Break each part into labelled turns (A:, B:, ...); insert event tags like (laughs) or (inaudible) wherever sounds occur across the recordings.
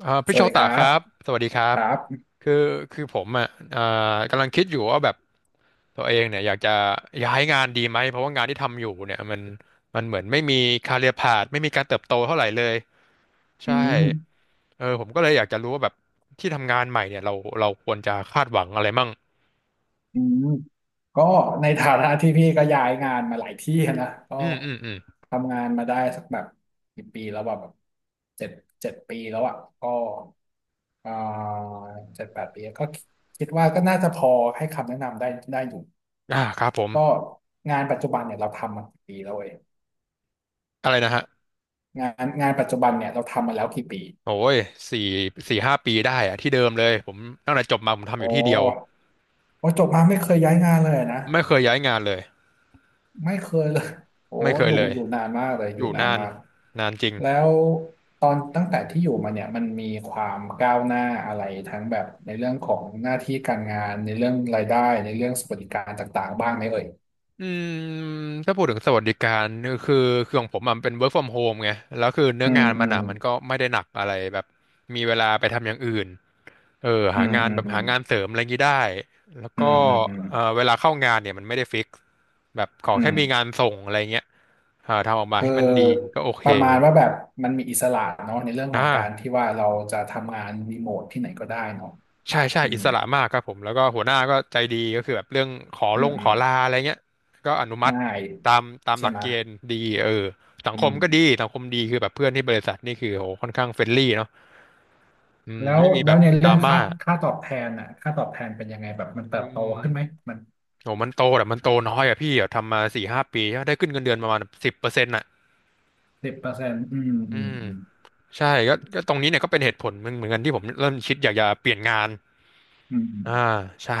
A: ส
B: พี่โช
A: วัสดีค
B: ตะ
A: รั
B: ครั
A: บ
B: บสวัสดีครั
A: ค
B: บ
A: รับ
B: คือคือผมอ่ะกำลังคิดอยู่ว่าแบบตัวเองเนี่ยอยากจะย้ายงานดีไหมเพราะว่างานที่ทำอยู่เนี่ยมันเหมือนไม่มีคาเรียพาธไม่มีการเติบโตเท่าไหร่เลย
A: อื
B: ใช่
A: ม
B: เออผมก็เลยอยากจะรู้ว่าแบบที่ทำงานใหม่เนี่ยเราควรจะคาดหวังอะไรมั่ง
A: อืมก็ในฐานะที่พี่ก็ย้ายงานมาหลายที่นะก็
B: อืมอืมอืม
A: ทำงานมาได้สักแบบกี่ปีแล้วอะแบบเจ็ดเจ็ดปีแล้วอ่ะก็เอ่อ7-8 ปีก็คิดว่าก็น่าจะพอให้คำแนะนำได้ได้อยู่
B: อ่าครับผม
A: ก็งานปัจจุบันเนี่ยเราทำมากี่ปีแล้วเอง
B: อะไรนะฮะ
A: งานงานปัจจุบันเนี่ยเราทำมาแล้วกี่ปี
B: โอ้ยสี่สี่ห้าปีได้อะที่เดิมเลยผมตั้งแต่จบมาผมทำอ
A: อ๋
B: ยู่ที่เดียว
A: อพอจบมาไม่เคยย้ายงานเลยนะ
B: ไม่เคยย้ายงานเลย
A: ไม่เคยเลย (laughs) โอ้
B: ไม่เค
A: อ
B: ย
A: ยู่
B: เลย
A: อยู่นานมากเลยอ
B: อ
A: ยู่
B: ยู่
A: นาน
B: นาน
A: มาก
B: นานจริง
A: แล้วตอนตั้งแต่ที่อยู่มาเนี่ยมันมีความก้าวหน้าอะไรทั้งแบบในเรื่องของหน้าที่การงานในเรื่องรายได้ในเรื่องสวัสดิการต่างๆบ้างไหมเอ่ย
B: อืมถ้าพูดถึงสวัสดิการคือคือของผมอะมันเป็น work from home ไงแล้วคือเนื้
A: อื
B: อ
A: ม
B: งาน
A: อื
B: มัน
A: ม
B: อ่ะมันก็ไม่ได้หนักอะไรแบบมีเวลาไปทำอย่างอื่นเออ
A: อื
B: หา
A: ม
B: งาน
A: อืม
B: แบบ
A: อื
B: หา
A: ม
B: งานเสริมอะไรงี้ได้แล้ว
A: อื
B: ก็
A: มอืมอืม
B: เออเวลาเข้างานเนี่ยมันไม่ได้ฟิกแบบขอ
A: อื
B: แค่มีงา
A: ม
B: นส่งอะไรเงี้ยอ่าทำออกมา
A: คือ
B: ให้มันดีก็โอเค
A: ประมาณว่าแบบมันมีอิสระเนาะในเรื่องของ
B: นะ
A: การที่ว่าเราจะทำงานรีโมทที่ไหนก็ได้เนาะ
B: ใช่ใช่
A: อื
B: อิ
A: ม
B: สระมากครับผมแล้วก็หัวหน้าก็ใจดีก็คือแบบเรื่องขอ
A: อื
B: ล
A: ม
B: ง
A: อื
B: ข
A: ม
B: อลาอะไรเงี้ยก็อนุมัติ
A: ง่าย
B: ตามตาม
A: ใช่
B: หลัก
A: ไหมย
B: เกณฑ์ดีเออสัง
A: อื
B: คมก็ดี
A: ม
B: สังคมดีคือแบบเพื่อนที่บริษัทนี่คือโหค่อนข้างเฟรนลี่เนาะอืม
A: แล้ว
B: ไม่มีแบ
A: แล้ว
B: บ
A: ใน
B: ด
A: เรื่
B: รา
A: อง
B: ม่า
A: ค่าตอบแทนอ่ะค่าตอบแทนเป็นยังไงแบบมันเติ
B: อื
A: บโต
B: ม
A: ขึ้นไหมมัน
B: โหมันโตแต่มันโตน้อยอะพี่อะทำมาสี่ห้าปีได้ขึ้นเงินเดือนประมาณสิบเปอร์เซ็นต์อะ
A: สิบเปอร์เซ็นต์อืมอื
B: อื
A: ม
B: ม
A: อืม
B: ใช่ก็ก็ตรงนี้เนี่ยก็เป็นเหตุผลหนึ่งเหมือนกันที่ผมเริ่มคิดอยากจะเปลี่ยนงาน
A: อืมอืม
B: อ่าใช่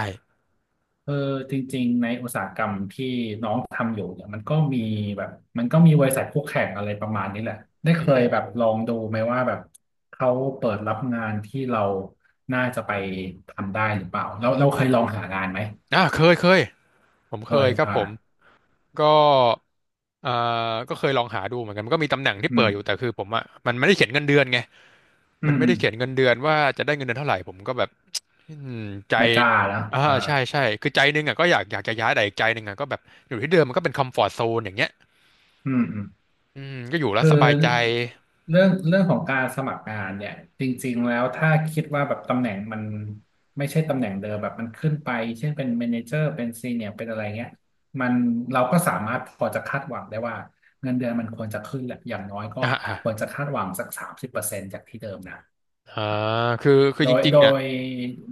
A: เออจริงๆในอุตสาหกรรมที่น้องทำอยู่เนี่ยมันก็มีแบบมันก็มีบริษัทคู่แข่งอะไรประมาณนี้แหละได้
B: อื
A: เคย
B: ม
A: แบ
B: อื
A: บ
B: ม
A: ลองดูไหมว่าแบบเขาเปิดรับงานที่เราน่าจะไปทำได้หรือเปล่าเราเคยลองหางานไหม
B: อ่าเคยเคยผม
A: เค
B: เคย
A: ย
B: ครับ
A: อ่า
B: ผม ก็เอ่อก็เคยลองหาดูเหมือนกันมันก็มีตำแหน่งที่
A: อื
B: เปิดอยู่
A: ม
B: แต่คือผมอ่ะมันไม่ได้เขียนเงินเดือนไง
A: อื
B: มัน
A: ม
B: ไม่
A: อื
B: ได้
A: ม
B: เขียนเงินเดือนว่าจะได้เงินเดือนเท่าไหร่ผมก็แบบอืมใจ
A: ไม่กล้าแล้ว
B: อ่า
A: อ่า
B: ใช่ใช่คือใจหนึงอ่ะก็อยากอยากจะย้ายแต่อีกใจหนึงอ่ะก็แบบอยู่ที่เดิมมันก็เป็นคอมฟอร์ z โซนอย่างเงี้ย
A: อืมอืม
B: อืมก็อยู่แล้ว
A: คือ
B: สบายใจ
A: เรื่องของการสมัครงานเนี่ยจริงๆแล้วถ้าคิดว่าแบบตำแหน่งมันไม่ใช่ตำแหน่งเดิมแบบมันขึ้นไปเช่นเป็นเมเนเจอร์เป็นซีเนียร์เป็นอะไรเงี้ยมันเราก็สามารถพอจะคาดหวังได้ว่าเงินเดือนมันควรจะขึ้นแหละอย่างน้อยก็
B: อ่าอ่า
A: ควรจะคาดหวังสักสามสิบเปอร์เซ็นต์จากที่เดิมนะ
B: อ่า
A: อ่ะ
B: คือคือ
A: โด
B: จ
A: ย
B: ริง
A: โด
B: ๆอ่ะ
A: ย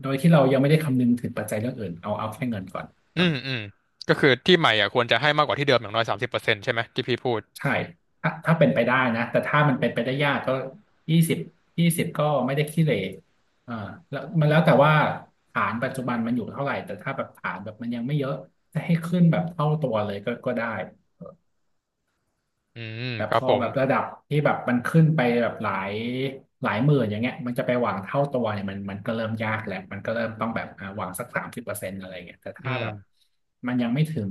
A: โดยที่เรายังไม่ได้คำนึงถึงปัจจัยเรื่องอื่นเอาแค่เงินก่อน
B: อืมอืมก็คือที่ใหม่อ่ะควรจะให้มากกว่าที่เดิมอย่างน้อย30%ใช่ไหมที่พี่พูด
A: ใช่ถ้าเป็นไปได้นะ แต่ถ้ามันเป็นไปได้ยากก็ยี่สิบยี่สิบก็ไม่ได้ขี้เหร่อ่าแล้วมันแล้วแต่ว่าฐานปัจจุบันมันอยู่เท่าไหร่ แต่ถ้าแบบฐานแบบมันยังไม่เยอะ จะให้ขึ้นแบบเท่าตัวเลยก็ได้
B: อืม
A: แต่
B: ค
A: พ
B: รับ
A: อ
B: ผม
A: แบบระดับที่แบบมันขึ้นไปแบบหลายหมื่นอย่างเงี้ยมันจะไปหวังเท่าตัวเนี่ยมันก็เริ่มยากแหละมันก็เริ่มต้องแบบหวังสักสามสิบเปอร์เซ็นต์อะไรเงี้ยแต่ถ้า
B: อืม
A: แบบมันยังไม่ถึง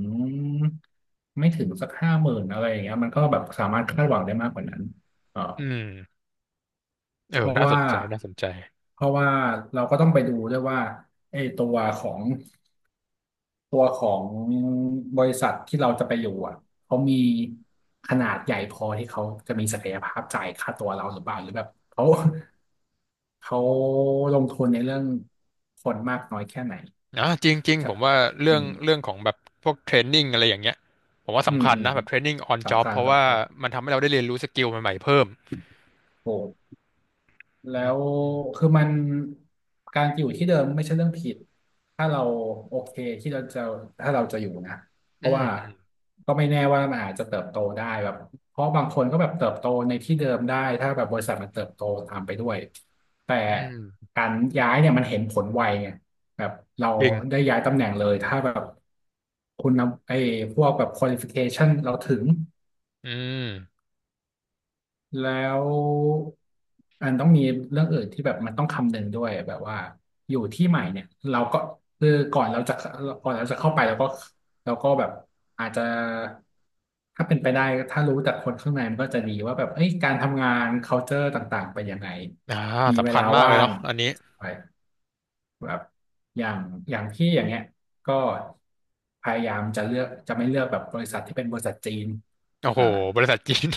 A: ไม่ถึงสัก50,000อะไรอย่างเงี้ยมันก็แบบสามารถคาดหวังได้มากกว่านั้นเออ
B: อืมเออ
A: เพราะ
B: น่าส
A: ว่า
B: นใจน่าสนใจ
A: เพราะว่าเราก็ต้องไปดูด้วยว่าไอ้ตัวของบริษัทที่เราจะไปอยู่อ่ะ เขามีขนาดใหญ่พอที่เขาจะมีศักยภาพจ่ายค่าตัวเราหรือเปล่าหรือแบบเขาลงทุนในเรื่องคนมากน้อยแค่ไหน
B: อ่ะจริงจริง
A: ใช่
B: ผมว่า
A: อื
B: เรื่อง
A: ม
B: เรื่องของแบบพวกเทรนนิ่งอะไรอย่างเงี้ยผมว่า
A: อื
B: สำ
A: ม
B: คัญ
A: อืม
B: นะแบบเทรนนิ่งออนจ็อ
A: สำ
B: บ
A: คัญ
B: เพราะว่า
A: สำคัญ
B: มันทำให้เราได้เรียนรู้สกิลใหม่ๆเพิ่ม
A: โอ้ แล้วคือมันการอยู่ที่เดิมไม่ใช่เรื่องผิดถ้าเราโอเคที่เราจะถ้าเราจะอยู่นะเพราะว่า
B: ม
A: ก็ไม่แน่ว่ามันอาจจะเติบโตได้แบบเพราะบางคนก็แบบเติบโตในที่เดิมได้ถ้าแบบบริษัทมันเติบโตตามไปด้วยแต่
B: อืมอืมอืม
A: การย้ายเนี่ยมันเห็นผลไวไงแบบเรา
B: จริง
A: ได้ย้ายตำแหน่งเลยถ้าแบบคุณนำไอ้พวกแบบ qualification เราถึง
B: อืม
A: แล้วอันต้องมีเรื่องอื่นที่แบบมันต้องคำนึงด้วยแบบว่าอยู่ที่ใหม่เนี่ยเราก็คือก่อนเราจะเข้าไปเราก็แบบอาจจะถ้าเป็นไปได้ถ้ารู้จากคนข้างในมันก็จะดีว่าแบบเอ้ยการทำงาน culture ต่างๆเป็นยังไง
B: อ่า
A: มีเว
B: สำคั
A: ลา
B: ญมากเล
A: ว่า
B: ย
A: ง
B: เนาะอันนี้
A: ไปแบบอย่างอย่างที่อย่างเงี้ยก็พยายามจะเลือกจะไม่เลือกแบบบริษัทที่เป็นบริษัทจีน
B: โอ้โห
A: อ่า
B: บริษัทจีน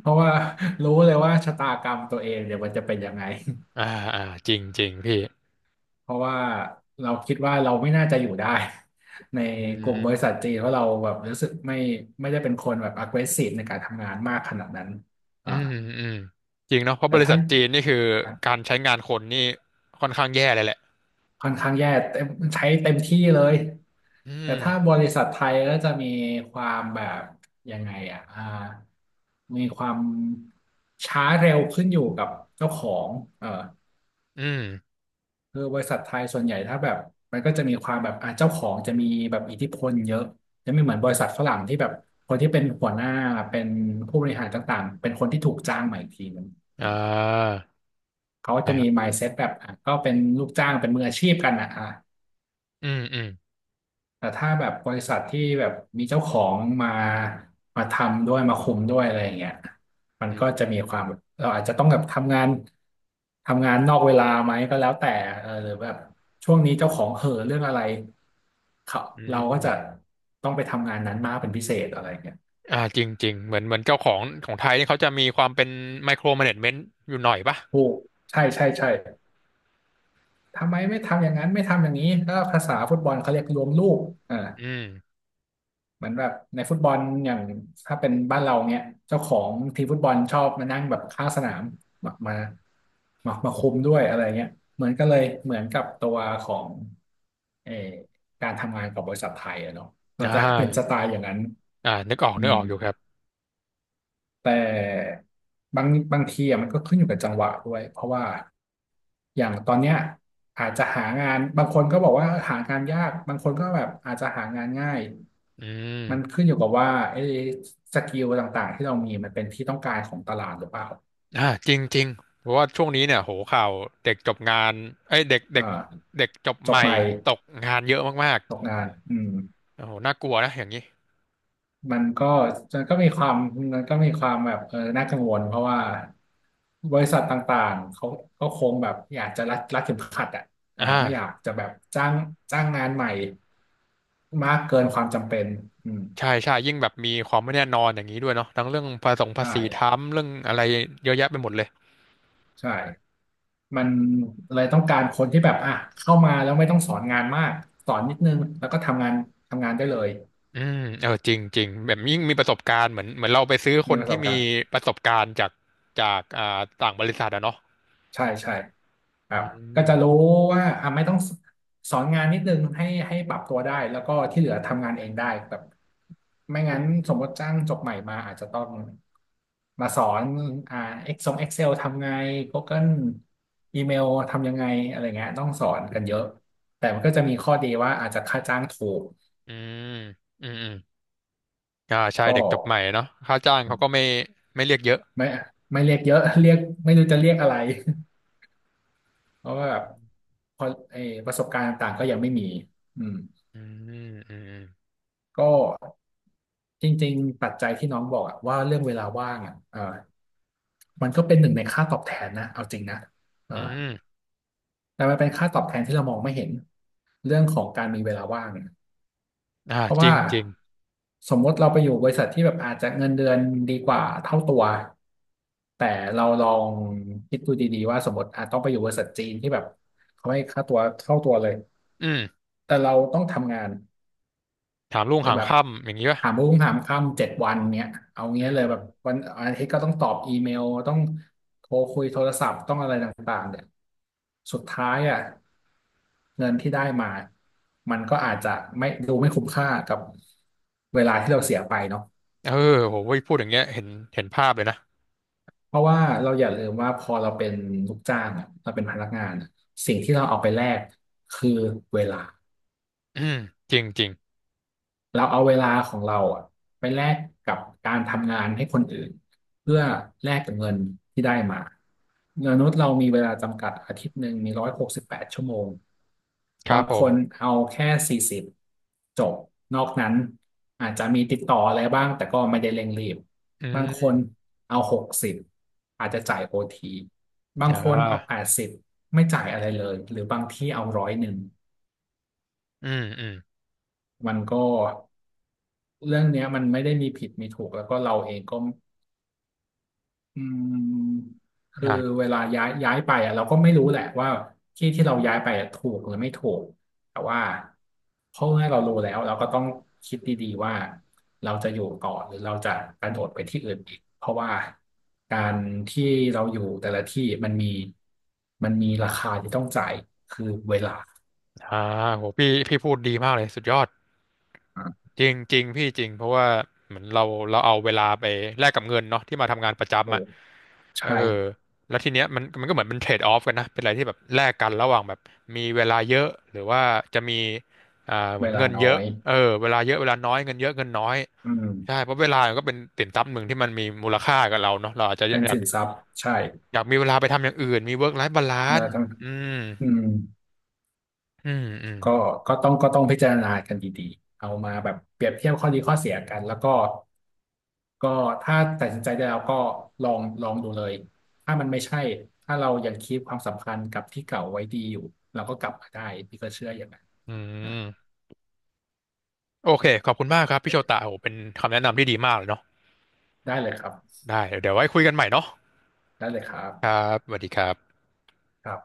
A: เพราะว่ารู้เลยว่าชะตากรรมตัวเองเดี๋ยวมันจะเป็นยังไง
B: (laughs) อ่าอ่าจริงจริงพี่
A: เพราะว่าเราคิดว่าเราไม่น่าจะอยู่ได้ใน
B: อื
A: กลุ่มบริ
B: ม
A: ษัทจีนเพราะเราแบบรู้สึกไม่ได้เป็นคนแบบ aggressive ในการทำงานมากขนาดนั้น
B: อื
A: อ่า
B: มอืมจริงเนาะเพราะ
A: แต่
B: บริ
A: ถ้า
B: ษัทจีนนี่คือการใช้งานคนนี่ค่อนข้างแย่เลยแหละ
A: ค่อนข้างแย่เต็มใช้เต็มที่เลย
B: อื
A: แต่
B: ม
A: ถ้าบริษัทไทยก็จะมีความแบบยังไงอ่ะอ่ามีความช้าเร็วขึ้นอยู่กับเจ้าของเออ
B: อืม
A: คือบริษัทไทยส่วนใหญ่ถ้าแบบมันก็จะมีความแบบเจ้าของจะมีแบบอิทธิพลเยอะจะไม่เหมือนบริษัทฝรั่งที่แบบคนที่เป็นหัวหน้าเป็นผู้บริหารต่างๆเป็นคนที่ถูกจ้างมาอีกทีนึง
B: อ่
A: อ่ะ
B: า
A: เขาจะมี
B: อ่า
A: mindset แบบก็เป็นลูกจ้างเป็นมืออาชีพกันนะอ่ะ
B: อืมอืม
A: แต่ถ้าแบบบริษัทที่แบบมีเจ้าของมามาทำด้วยมาคุมด้วยอะไรอย่างเงี้ยมัน
B: อื
A: ก็จะมีความ
B: ม
A: แบบเราอาจจะต้องแบบทำงานนอกเวลาไหมก็แล้วแต่เออหรือแบบช่วงนี้เจ้าของเห่อเรื่องอะไรเขา
B: อื
A: เราก็จะ
B: ม
A: ต้องไปทำงานนั้นมากเป็นพิเศษอะไรอย่างเงี้ย
B: อ่าจริงจริงเหมือนเหมือนเจ้าของของไทยนี่เขาจะมีความเป็นไมโคร m ม n a g เมนต์อยู่หน่อยป่ะ
A: ถูกใช่ใช่ใช่ทำไมไม่ทำอย่างนั้นไม่ทำอย่างนี้ก็ภาษาฟุตบอลเขาเรียกรวมลูกอ่า
B: อืม
A: เหมือนแบบในฟุตบอลอย่างถ้าเป็นบ้านเราเนี่ยเจ้าของทีมฟุตบอลชอบมานั่งแบบข้างสนามมามามาคุมด้วยอะไรเงี้ยเหมือนก็เลยเหมือนกับตัวของเออการทำงานกับบริษัทไทยอะเนาะก็
B: อ่
A: จะเป็นสไต
B: า
A: ล์อย่างนั้น
B: อ่านึกออก
A: อื
B: นึก
A: ม
B: ออกอยู่ครับ
A: แต่บางบางทีอะมันก็ขึ้นอยู่กับจังหวะด้วยเพราะว่าอย่างตอนเนี้ยอาจจะหางานบางคนก็บอกว่าหางานยากบางคนก็แบบอาจจะหางานง่าย
B: อื
A: มัน
B: ม
A: ขึ้นอยู่กับว่าไอ้สกิลต่างๆที่เรามีมันเป็นที่ต้องการของตลาดหรือเปล่า
B: อ่าจริงจริงเพราะว่าช่วงนี้เนี่ยโหข่าวเด็กจบงานเอ้ยเด็ก
A: อ่
B: เด็ก
A: า
B: เด็กจบ
A: จ
B: ให
A: บ
B: ม่
A: ใหม่
B: ตกงานเยอะมาก
A: ตกงานอืม
B: ๆโอ้โหน่ากลัวนะอย่างนี้
A: มันก็มันก็มีความมันก็มีความแบบเออน่ากังวลเพราะว่าบริษัทต่างๆเขาก็คงแบบอยากจะรัดเข็มขัด
B: อ
A: อ่าไม่อยาก
B: ่า
A: จะแบบจ้างจ้างงานใหม่มากเกินความจำเป็นอืม
B: ใช่ใช่ยิ่งแบบมีความไม่แน่นอนอย่างนี้ด้วยเนาะทั้งเรื่องภาษีภา
A: ใช่
B: ษีทำเรื่องอะไรเยอะแยะไปหมดเลย
A: ใช่มันเลยต้องการคนที่แบบเข้ามาแล้วไม่ต้องสอนงานมากสอนนิดนึงแล้วก็ทำงานได้เลย
B: อืมเออจริงจริงแบบยิ่งมีประสบการณ์เหมือนเหมือนเราไปซื้อค
A: มี
B: น
A: ประส
B: ที่
A: บ
B: มี
A: การณ์
B: ประสบการณ์จากจากอ่าต่างบริษัทอะเนาะ
A: ใช่ใช่ค
B: อื
A: รับก็
B: ม
A: จะรู้ว่าไม่ต้องสอนงานนิดนึงให้ปรับตัวได้แล้วก็ที่เหลือทำงานเองได้แบบไม่งั้นสมมติจ้างจบใหม่มาอาจจะต้องมาสอนอ่า Excel ทำไง Google อีเมลทำยังไงอะไรเงี้ยต้องสอนกันเยอะแต่มันก็จะมีข้อดีว่าอาจจะค่าจ้างถูก
B: อืมอืมอืมอ่าใช่
A: ก็
B: เด็กจบใหม่เนาะค่าจ้างเขาก็ไม่ไม่เรียกเยอะ
A: ไม่ไม่เรียกเยอะ (laughs) เรียกไม่รู้จะเรียกอะไรเพราะว่าแบบพอไอ้ประสบการณ์ต่างๆก็ยังไม่มีอืม
B: อืมอืม
A: ก็จริงๆปัจจัยที่น้องบอกอะว่าเรื่องเวลาว่างเออมันก็เป็นหนึ่งในค่าตอบแทนนะเอาจริงนะเออ
B: อืมอืม
A: แต่มันเป็นค่าตอบแทนที่เรามองไม่เห็นเรื่องของการมีเวลาว่างเนี่ย
B: อ่า
A: เพราะ
B: จริ
A: ว่า
B: งจริง
A: สมมติเราไปอยู่บริษัทที่แบบอาจจะเงินเดือนดีกว่าเท่าตัวแต่เราลองคิดดูดีๆว่าสมมติอาจต้องไปอยู่บริษัทจีนที่แบบเขาให้ค่าตัวเท่าตัวเลย
B: อืม
A: แต่เราต้องทำงาน
B: ถามลุง
A: เลย
B: หาง
A: แบบ
B: ค่ำอย่างนี้ป่ะ
A: ถามรุ่งถามค่ำ7 วันเนี้ยเอา
B: อื
A: เงี้ยเลย
B: ม
A: แบบวันอาทิตย์ก็ต้องตอบอีเมลต้องโทรคุยโทรศัพท์ต้องอะไรต่างๆเนี่ยสุดท้ายเงินที่ได้มามันก็อาจจะไม่ดูไม่คุ้มค่ากับเวลาที่เราเสียไปเนาะ
B: เออโหเว้ยพูดอย่างเงี้ยเห็นเห็นภาพเลยนะ
A: เพราะว่าเราอย่าลืมว่าพอเราเป็นลูกจ้างอะเราเป็นพนักงานอะสิ่งที่เราเอาไปแลกคือเวลา
B: อืมจริงจริง
A: เราเอาเวลาของเราอะไปแลกกับการทำงานให้คนอื่นเพื่อแลกกับเงินที่ได้มามนุษย์เรามีเวลาจำกัดอาทิตย์หนึ่งมี168 ชั่วโมง
B: ครั
A: บา
B: บ
A: ง
B: ผ
A: ค
B: ม
A: นเอาแค่40จบ นอกนั้นอาจจะมีติดต่ออะไรบ้างแต่ก็ไม่ได้เร่งรีบ
B: อื
A: บางคน
B: ม
A: เอา60อาจจะจ่ายโอที บาง
B: อ่
A: คนเอาแป
B: า
A: ดสิบไม่จ่ายอะไรเลยหรือบางที่เอา101
B: อืมอืม
A: มันก็ เรื่องเนี้ยมันไม่ได้มีผิดมีถูกแล้วก็เราเองก็อืมคือเว
B: อ่า
A: ลาย้ายไปเราก็ไม่รู้แหละว่าที่ที่เราย้ายไปอะถูกหรือไม่ถูกแต่ว่าเพราะว่าเรารู้แล้วเราก็ต้องคิดดีๆว่าเราจะอยู่ต่อหรือเราจะกระโดดไปที่อื่นอีกเพราะว่าการที่เราอยู่แต่ละที่มันมีราคาที่ต้องจ่ายคือเวลา
B: อ่าโหพี่พี่พูดดีมากเลยสุดยอด
A: อ่ะ
B: จริงจริงพี่จริงเพราะว่าเหมือนเราเอาเวลาไปแลกกับเงินเนาะที่มาทำงานประ
A: โอ้
B: จำอ่ะเออ
A: ใช่
B: แล้วทีเนี้ยมันก็เหมือนเป็นเทรดออฟกันนะเป็นอะไรที่แบบแลกกันระหว่างแบบมีเวลาเยอะหรือว่าจะมีอ่าเหมื
A: เว
B: อน
A: ลา
B: เงิน
A: น้อ
B: เยอะ
A: ย
B: เออเวลาเยอะเวลาน้อยเงินเยอะเงินน้อย
A: อื
B: ใช่
A: ม
B: เพราะเวลามันก็เป็นสินทรัพย์หนึ่งที่มันมีมูลค่ากับเราเนาะเราอาจจะ
A: เป็น
B: อยาก
A: สินทรัพย์ใช่
B: อยากมีเวลาไปทำอย่างอื่นมีเวิร์กไลฟ์บา
A: เว
B: ลาน
A: ลา
B: ซ์
A: ทั้ง
B: อืม
A: อืม
B: อืมอืม
A: ก็ก็ต้องพิจารณากันดีๆเอามาแบบเปรียบเทียบข้อดีข้อเสียกันแล้วก็ก็ถ้าตัดสินใจได้แล้วก็ลองดูเลยถ้ามันไม่ใช่ถ้าเรายังคีปความสัมพันธ์กับที่เก่าไว้ดีอยู่เราก็กลับมาได้พี่ก็เชื่ออย่างนั้น
B: อื
A: นะ
B: มโอเคขอบคุณมากครับพี่โชตะโอ้โหเป็นคำแนะนำที่ดีมากเลยเนาะ
A: ได้เลยครับ
B: ได้เดี๋ยวไว้คุยกันใหม่เนาะ
A: ได้เลยครับ
B: ครับสวัสดีครับ
A: ครับ